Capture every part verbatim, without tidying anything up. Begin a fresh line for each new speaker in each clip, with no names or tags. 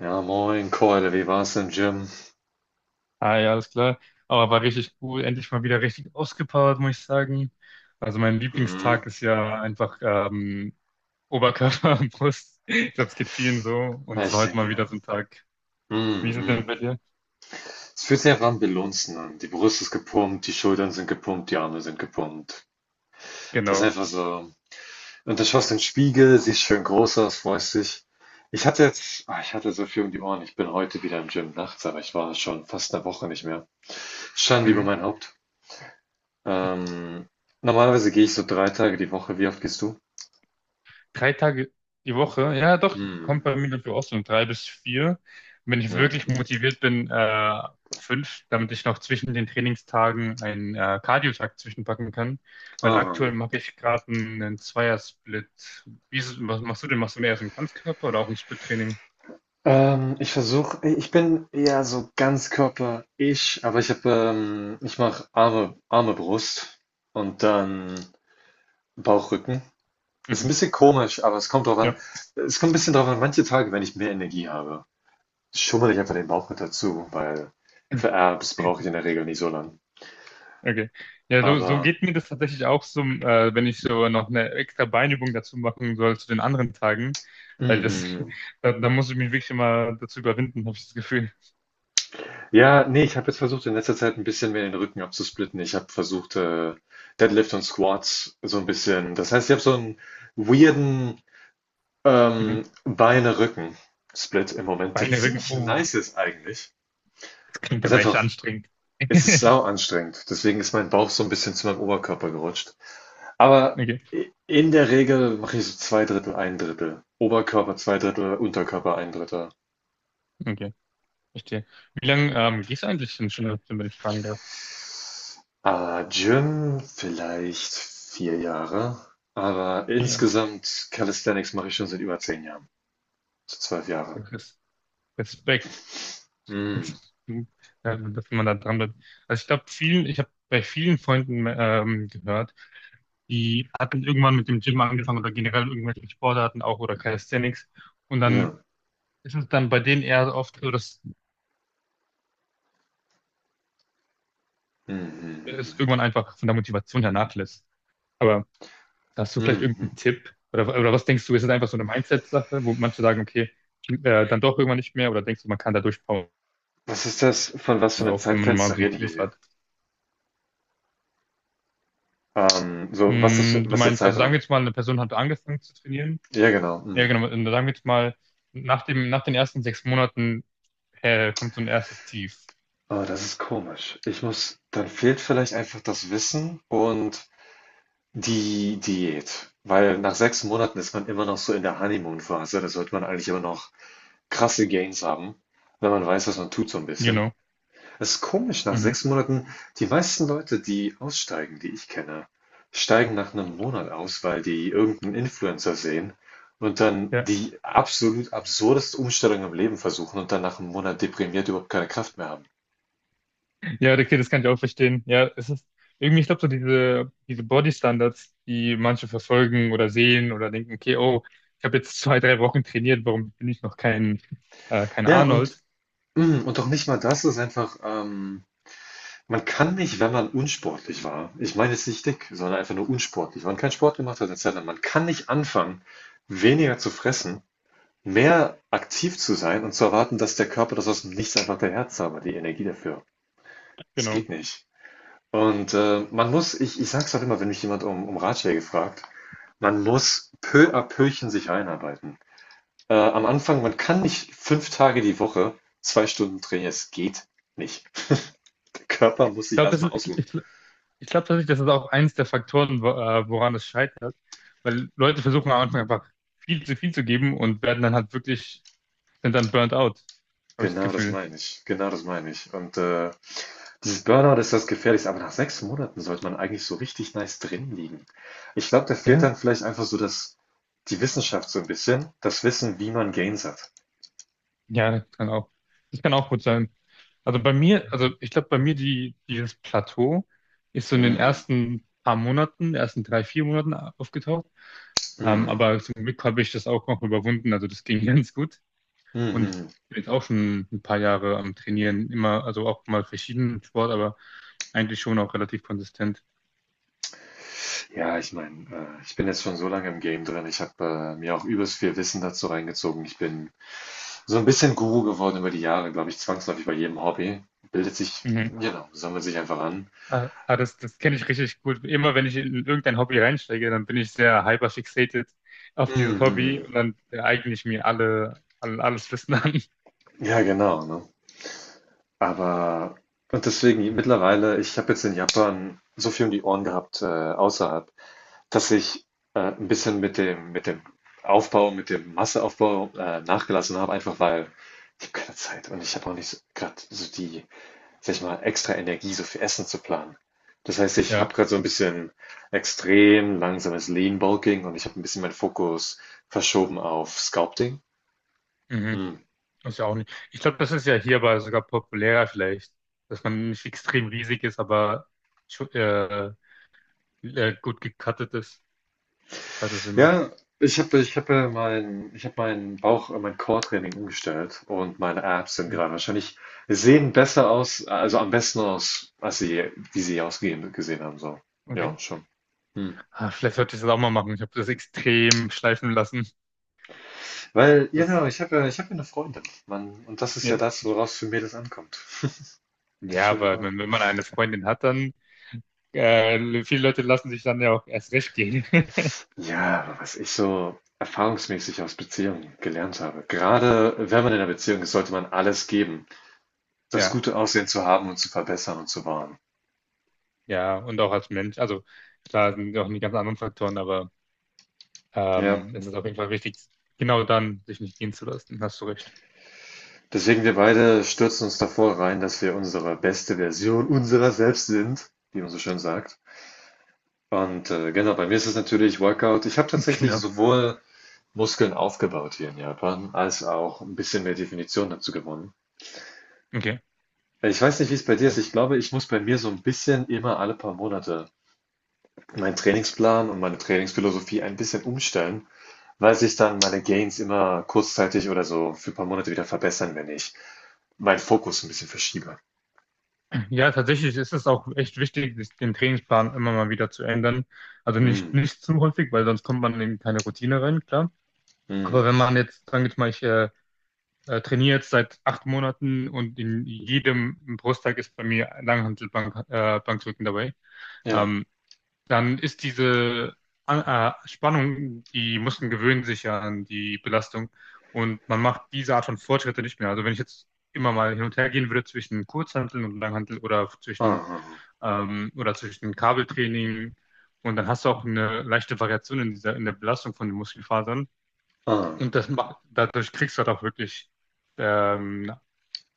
Ja, moin Keule, wie war's im Gym?
Ah ja, alles klar. Aber war richtig cool. Endlich mal wieder richtig ausgepowert, muss ich sagen. Also mein
Hm,
Lieblingstag ist ja einfach ähm, Oberkörper und Brust. Ich glaube, es geht vielen so. Und es war
ich
heute
denke,
mal
ja.
wieder so ein Tag. Wie
Hm,
ist es
hm.
denn bei dir?
Es fühlt sich einfach am Belunzen an. Die Brust ist gepumpt, die Schultern sind gepumpt, die Arme sind gepumpt. Das ist
Genau.
einfach so. Und dann schaust du in den Spiegel, siehst schön groß aus, freust dich. Ich hatte jetzt, ah, ich hatte so viel um die Ohren. Ich bin heute wieder im Gym nachts, aber ich war schon fast eine Woche nicht mehr. Schande über
Mhm.
mein Haupt. Ähm, Normalerweise gehe ich so drei Tage die Woche. Wie oft gehst du?
Drei Tage die Woche, ja doch, kommt
Hm,
bei mir dafür auch so um drei bis vier. Und wenn ich
ja.
wirklich motiviert bin, äh, fünf, damit ich noch zwischen den Trainingstagen einen äh, Cardio-Tag zwischenpacken kann. Weil
Ah.
aktuell mache ich gerade einen, einen Zweier-Split. Wie ist, es- was machst du denn? Machst du mehr so einen Ganzkörper oder auch ein Split-Training?
Ähm, ich versuche, ich bin eher so Ganzkörper-ich, aber ich habe, ähm, ich mache Arme, Arme, Brust und dann Bauch, Rücken. Ist ein
Mhm.
bisschen komisch, aber es kommt drauf an.
Ja.
Es kommt ein bisschen drauf an, manche Tage, wenn ich mehr Energie habe, schummel ich einfach den Bauch mit dazu, weil für Abs brauche ich in der Regel nicht so lang.
Okay. Ja, so, so
Aber,
geht mir das tatsächlich auch so, äh, wenn ich so noch eine extra Beinübung dazu machen soll zu den anderen Tagen.
mm,
Weil das,
mm.
da, da muss ich mich wirklich immer dazu überwinden, habe ich das Gefühl.
Ja, nee, ich habe jetzt versucht, in letzter Zeit ein bisschen mehr den Rücken abzusplitten. Ich habe versucht, äh, Deadlift und Squats so ein bisschen. Das heißt, ich habe so einen weirden,
Mhm.
Ähm, Beine, Rücken, Split im Moment, der
Beine wirklich,
ziemlich
oh,
nice ist eigentlich.
das klingt
Es Ist
aber echt
einfach,
anstrengend.
es ist sau anstrengend. Deswegen ist mein Bauch so ein bisschen zu meinem Oberkörper gerutscht. Aber
Okay,
i- in der Regel mache ich so zwei Drittel, ein Drittel. Oberkörper zwei Drittel, Unterkörper ein Drittel.
okay, verstehe. Wie lange ähm, gehst du eigentlich denn schon, wenn ich fragen darf?
Ah, Gym vielleicht vier Jahre. Aber
Ja,
insgesamt Calisthenics mache ich schon seit über zehn Jahren. So zwölf Jahre.
das ist Respekt,
Mm,
dass du- äh, dass man da dran bleibt. Also ich glaube, vielen, ich habe bei vielen Freunden ähm, gehört, die hatten irgendwann mit dem Gym angefangen oder generell irgendwelche Sportarten auch oder Calisthenics. Und dann
ja.
ist es dann bei denen eher oft so, dass
Mm,
es
mm,
irgendwann einfach von der Motivation her nachlässt. Aber hast du
mm, mm,
vielleicht
mm, mm.
irgendeinen Tipp? Oder, oder was denkst du, ist es einfach so eine Mindset-Sache, wo manche sagen, okay, äh, dann doch irgendwann nicht mehr? Oder denkst du, man kann da durchpowern,
Was ist das? Von was für einem
auch wenn man mal
Zeitfenster
so ein
reden wir
Tief
hier?
hat?
Ähm, so, was ist,
Mm, du
was ist der
meinst, also sagen wir
Zeitraum?
jetzt mal, eine Person hat angefangen zu trainieren.
Ja, genau.
Ja,
Hm.
genau. Und sagen wir jetzt mal, nach dem, nach den ersten sechs Monaten, äh, kommt so ein erstes Tief.
Oh, das ist komisch. Ich muss, dann fehlt vielleicht einfach das Wissen und die Diät. Weil nach sechs Monaten ist man immer noch so in der Honeymoon-Phase. Da sollte man eigentlich immer noch krasse Gains haben, wenn man weiß, was man tut, so ein bisschen.
Genau.
Es ist komisch, nach
Mhm.
sechs Monaten die meisten Leute, die aussteigen, die ich kenne, steigen nach einem Monat aus, weil die irgendeinen Influencer sehen und dann
Ja,
die absolut absurdeste Umstellung im Leben versuchen und dann nach einem Monat deprimiert überhaupt keine Kraft mehr haben.
ja, okay, das kann ich auch verstehen. Ja, es ist irgendwie, ich glaube, so diese, diese Body-Standards, die manche verfolgen oder sehen oder denken, okay, oh, ich habe jetzt zwei, drei Wochen trainiert, warum bin ich noch kein, äh, kein
Ja, und
Arnold?
hm, und auch nicht mal das ist einfach, ähm man kann nicht, wenn man unsportlich war, ich meine jetzt nicht dick, sondern einfach nur unsportlich, wenn man keinen Sport gemacht hat 'ne Zeit, man kann nicht anfangen, weniger zu fressen, mehr aktiv zu sein und zu erwarten, dass der Körper das aus dem Nichts einfach daher zaubert, die Energie dafür. Es
Genau.
geht nicht. Und äh, man muss, ich, ich sag's auch immer, wenn mich jemand um, um Ratschläge fragt, man muss peu à peuchen sich einarbeiten. Äh, am Anfang, man kann nicht fünf Tage die Woche zwei Stunden trainieren, es geht nicht. Der Körper muss
Ich
sich
glaube, das
erstmal
ist, ich,
ausruhen.
ich, ich glaube tatsächlich, das ist auch eins der Faktoren, wo- äh, woran es scheitert, weil Leute versuchen am Anfang einfach viel zu viel zu geben und werden dann halt wirklich, sind dann burnt out, habe ich das
Genau das
Gefühl.
meine ich. Genau das meine ich. Und äh, dieses Burnout ist das Gefährlichste, aber nach sechs Monaten sollte man eigentlich so richtig nice drin liegen. Ich glaube, da fehlt dann vielleicht einfach so das, die Wissenschaft so ein bisschen, das Wissen, wie man Gains hat.
Ja, das kann auch, das kann auch gut sein. Also bei mir, also ich glaube, bei mir die, dieses Plateau ist so in den
Mm,
ersten paar Monaten, ersten drei, vier Monaten aufgetaucht. Ähm,
mm,
aber zum Glück habe ich das auch noch überwunden. Also das ging ganz gut. Und ich
mhm.
bin jetzt auch schon ein paar Jahre am Trainieren. Immer, also auch mal verschiedenen Sport, aber eigentlich schon auch relativ konsistent.
Ja, ich meine, äh, ich bin jetzt schon so lange im Game drin. Ich habe äh, mir auch übelst viel Wissen dazu reingezogen. Ich bin so ein bisschen Guru geworden über die Jahre, glaube ich, zwangsläufig bei jedem Hobby. Bildet sich,
Mhm.
genau, sammelt sich einfach an.
Ah, ah, das, das kenne ich richtig gut. Immer wenn ich in irgendein Hobby reinsteige, dann bin ich sehr hyperfixiert auf dieses Hobby
Mhm.
und dann eigne ich mir alle, alle alles Wissen an.
Ja, genau, ne? Aber und deswegen mittlerweile, ich habe jetzt in Japan so viel um die Ohren gehabt, äh, außerhalb, dass ich äh, ein bisschen mit dem, mit dem Aufbau, mit dem Masseaufbau äh, nachgelassen habe, einfach weil ich habe keine Zeit und ich habe auch nicht gerade so die, sag ich mal, extra Energie, so viel Essen zu planen. Das heißt, ich habe
Ja,
gerade so ein bisschen extrem langsames Lean Bulking und ich habe ein bisschen meinen Fokus verschoben auf Sculpting.
mhm.
Hm.
Ist ja auch nicht. Ich glaube, das ist ja hierbei sogar populärer vielleicht, dass man nicht extrem riesig ist, aber schu- äh, äh, gut gecuttet ist, hat das Sinn macht.
Ja, ich habe ich hab äh, mein, ich hab meinen Bauch, äh, mein Core-Training umgestellt und meine Abs sind
Mhm.
gerade wahrscheinlich, sehen besser aus, also am besten aus, als sie, wie sie ausgehen gesehen haben. So. Ja,
Okay.
schon. Hm.
Ah, vielleicht sollte ich das auch mal machen. Ich habe das extrem schleifen lassen.
Weil, ja genau,
Das,
ich habe ich hab ja eine Freundin, Mann, und das ist ja
ja,
das, woraus für Mädels ankommt. Das
ja,
Schöne
aber
war.
wenn, wenn man eine Freundin hat, dann äh, viele Leute lassen sich dann ja auch erst recht gehen.
Ja, aber was ich so erfahrungsmäßig aus Beziehungen gelernt habe. Gerade wenn man in einer Beziehung ist, sollte man alles geben, das
Ja,
gute Aussehen zu haben und zu verbessern und zu wahren.
ja, und auch als Mensch. Also klar sind auch die ganz anderen Faktoren, aber
Ja.
ähm, es ist auf jeden Fall wichtig, genau dann sich nicht gehen zu lassen. Hast du recht.
Deswegen wir beide stürzen uns davor rein, dass wir unsere beste Version unserer selbst sind, wie man so schön sagt. Und äh, genau, bei mir ist es natürlich Workout. Ich habe tatsächlich
Genau.
sowohl Muskeln aufgebaut hier in Japan, als auch ein bisschen mehr Definition dazu gewonnen.
Okay.
Ich weiß nicht, wie es bei dir ist.
Das,
Ich glaube, ich muss bei mir so ein bisschen immer alle paar Monate meinen Trainingsplan und meine Trainingsphilosophie ein bisschen umstellen, weil sich dann meine Gains immer kurzzeitig oder so für ein paar Monate wieder verbessern, wenn ich meinen Fokus ein bisschen verschiebe.
ja, tatsächlich ist es auch echt wichtig, sich den Trainingsplan immer mal wieder zu ändern. Also nicht,
Mm,
nicht zu häufig, weil sonst kommt man in keine Routine rein, klar.
mm.
Aber wenn man jetzt, sagen wir jetzt mal, ich äh, äh, trainiere jetzt seit acht Monaten und in jedem Brusttag ist bei mir Langhantelbank, äh, Bankdrücken dabei.
Ja.
Ähm, dann ist diese äh, äh, Spannung, die Muskeln gewöhnen sich ja an die Belastung und man macht diese Art von Fortschritte nicht mehr. Also wenn ich jetzt immer mal hin und her gehen würde zwischen Kurzhanteln und Langhantel oder
Ah,
zwischen
ah, ah.
ähm, oder zwischen Kabeltraining, und dann hast du auch eine leichte Variation in dieser in der Belastung von den Muskelfasern
Ah,
und das macht, dadurch kriegst du halt auch wirklich ähm,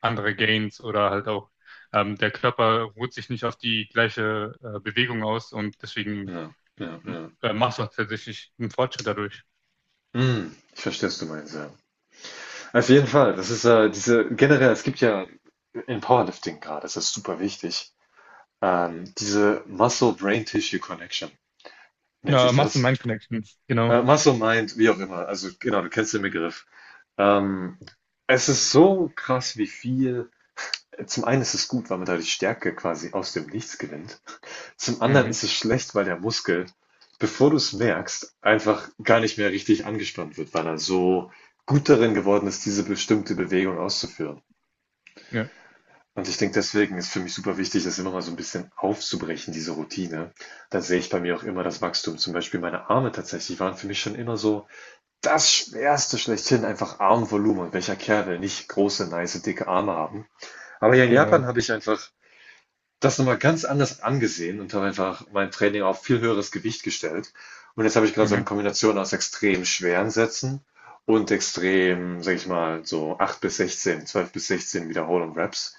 andere Gains oder halt auch ähm, der Körper ruht sich nicht auf die gleiche äh, Bewegung aus und deswegen
ja, ja, ja.
äh, machst du tatsächlich einen Fortschritt dadurch.
Hm, ich verstehe, was du meinst, ja. Auf jeden Fall, das ist äh, diese, generell, es gibt ja im Powerlifting gerade, das ist super wichtig, ähm, diese Muscle-Brain-Tissue-Connection nennt
Genau,
sich
machst du
das.
Mind Connections. Genau.
Äh, Muscle-Mind, wie auch immer, also genau, du kennst den Begriff. Ähm, Es ist so krass, wie viel, zum einen ist es gut, weil man dadurch Stärke quasi aus dem Nichts gewinnt. Zum anderen
Mhm.
ist es schlecht, weil der Muskel, bevor du es merkst, einfach gar nicht mehr richtig angespannt wird, weil er so gut darin geworden ist, diese bestimmte Bewegung auszuführen.
Ja,
Und ich denke, deswegen ist für mich super wichtig, das immer mal so ein bisschen aufzubrechen, diese Routine. Da sehe ich bei mir auch immer das Wachstum. Zum Beispiel meine Arme tatsächlich waren für mich schon immer so das Schwerste schlechthin, einfach Armvolumen. Und welcher Kerl will nicht große, nice, dicke Arme haben? Aber hier in Japan
genau.
habe ich einfach das noch mal ganz anders angesehen und habe einfach mein Training auf viel höheres Gewicht gestellt. Und jetzt habe ich gerade so
Mhm.
eine Kombination aus extrem schweren Sätzen und extrem, sag ich mal, so acht bis sechzehn, zwölf bis sechzehn Wiederholung Reps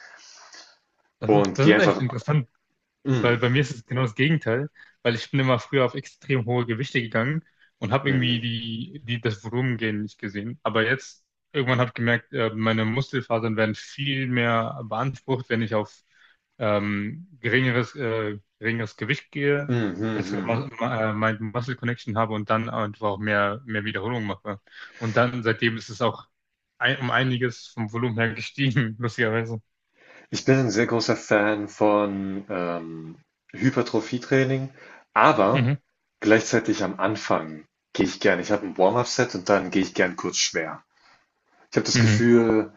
Das ist,
und
das
gehe
ist echt
einfach.
interessant.
Mm,
Weil bei mir ist es genau das Gegenteil, weil ich bin immer früher auf extrem hohe Gewichte gegangen und habe irgendwie
mm,
die, die, das Volumen gehen nicht gesehen. Aber jetzt, irgendwann habe ich gemerkt, äh, meine Muskelfasern werden viel mehr beansprucht, wenn ich auf ähm, geringeres, äh, geringeres Gewicht gehe,
mm, mm, mm.
bessere
Mm.
Mu- äh, Mind-Muscle Connection habe und dann einfach auch mehr, mehr Wiederholung mache. Und dann seitdem ist es auch ein, um einiges vom Volumen her gestiegen, lustigerweise.
Ich bin ein sehr großer Fan von ähm, Hypertrophie-Training, aber
Mhm.
gleichzeitig am Anfang gehe ich gern. Ich habe ein Warm-up-Set und dann gehe ich gern kurz schwer. Ich habe das
Mhm.
Gefühl.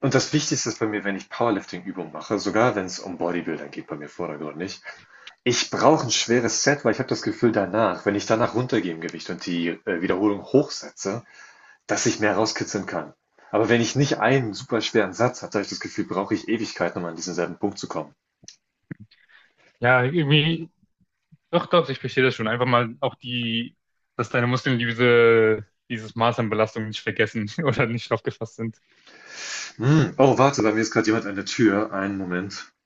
Und das Wichtigste ist bei mir, wenn ich Powerlifting-Übungen mache, sogar wenn es um Bodybuilding geht, bei mir vordergründig, ich brauche ein schweres Set, weil ich habe das Gefühl danach, wenn ich danach runtergehe im Gewicht und die äh, Wiederholung hochsetze, dass ich mehr rauskitzeln kann. Aber wenn ich nicht einen super schweren Satz habe, habe ich das Gefühl, brauche ich Ewigkeiten, um an diesen selben Punkt zu kommen.
Ja, irgendwie. Doch, doch, ich verstehe das schon. Einfach mal auch die, dass deine Muskeln diese, dieses Maß an Belastung nicht vergessen oder nicht drauf gefasst sind.
Hm. Oh, warte, bei mir ist gerade jemand an der Tür. Einen Moment.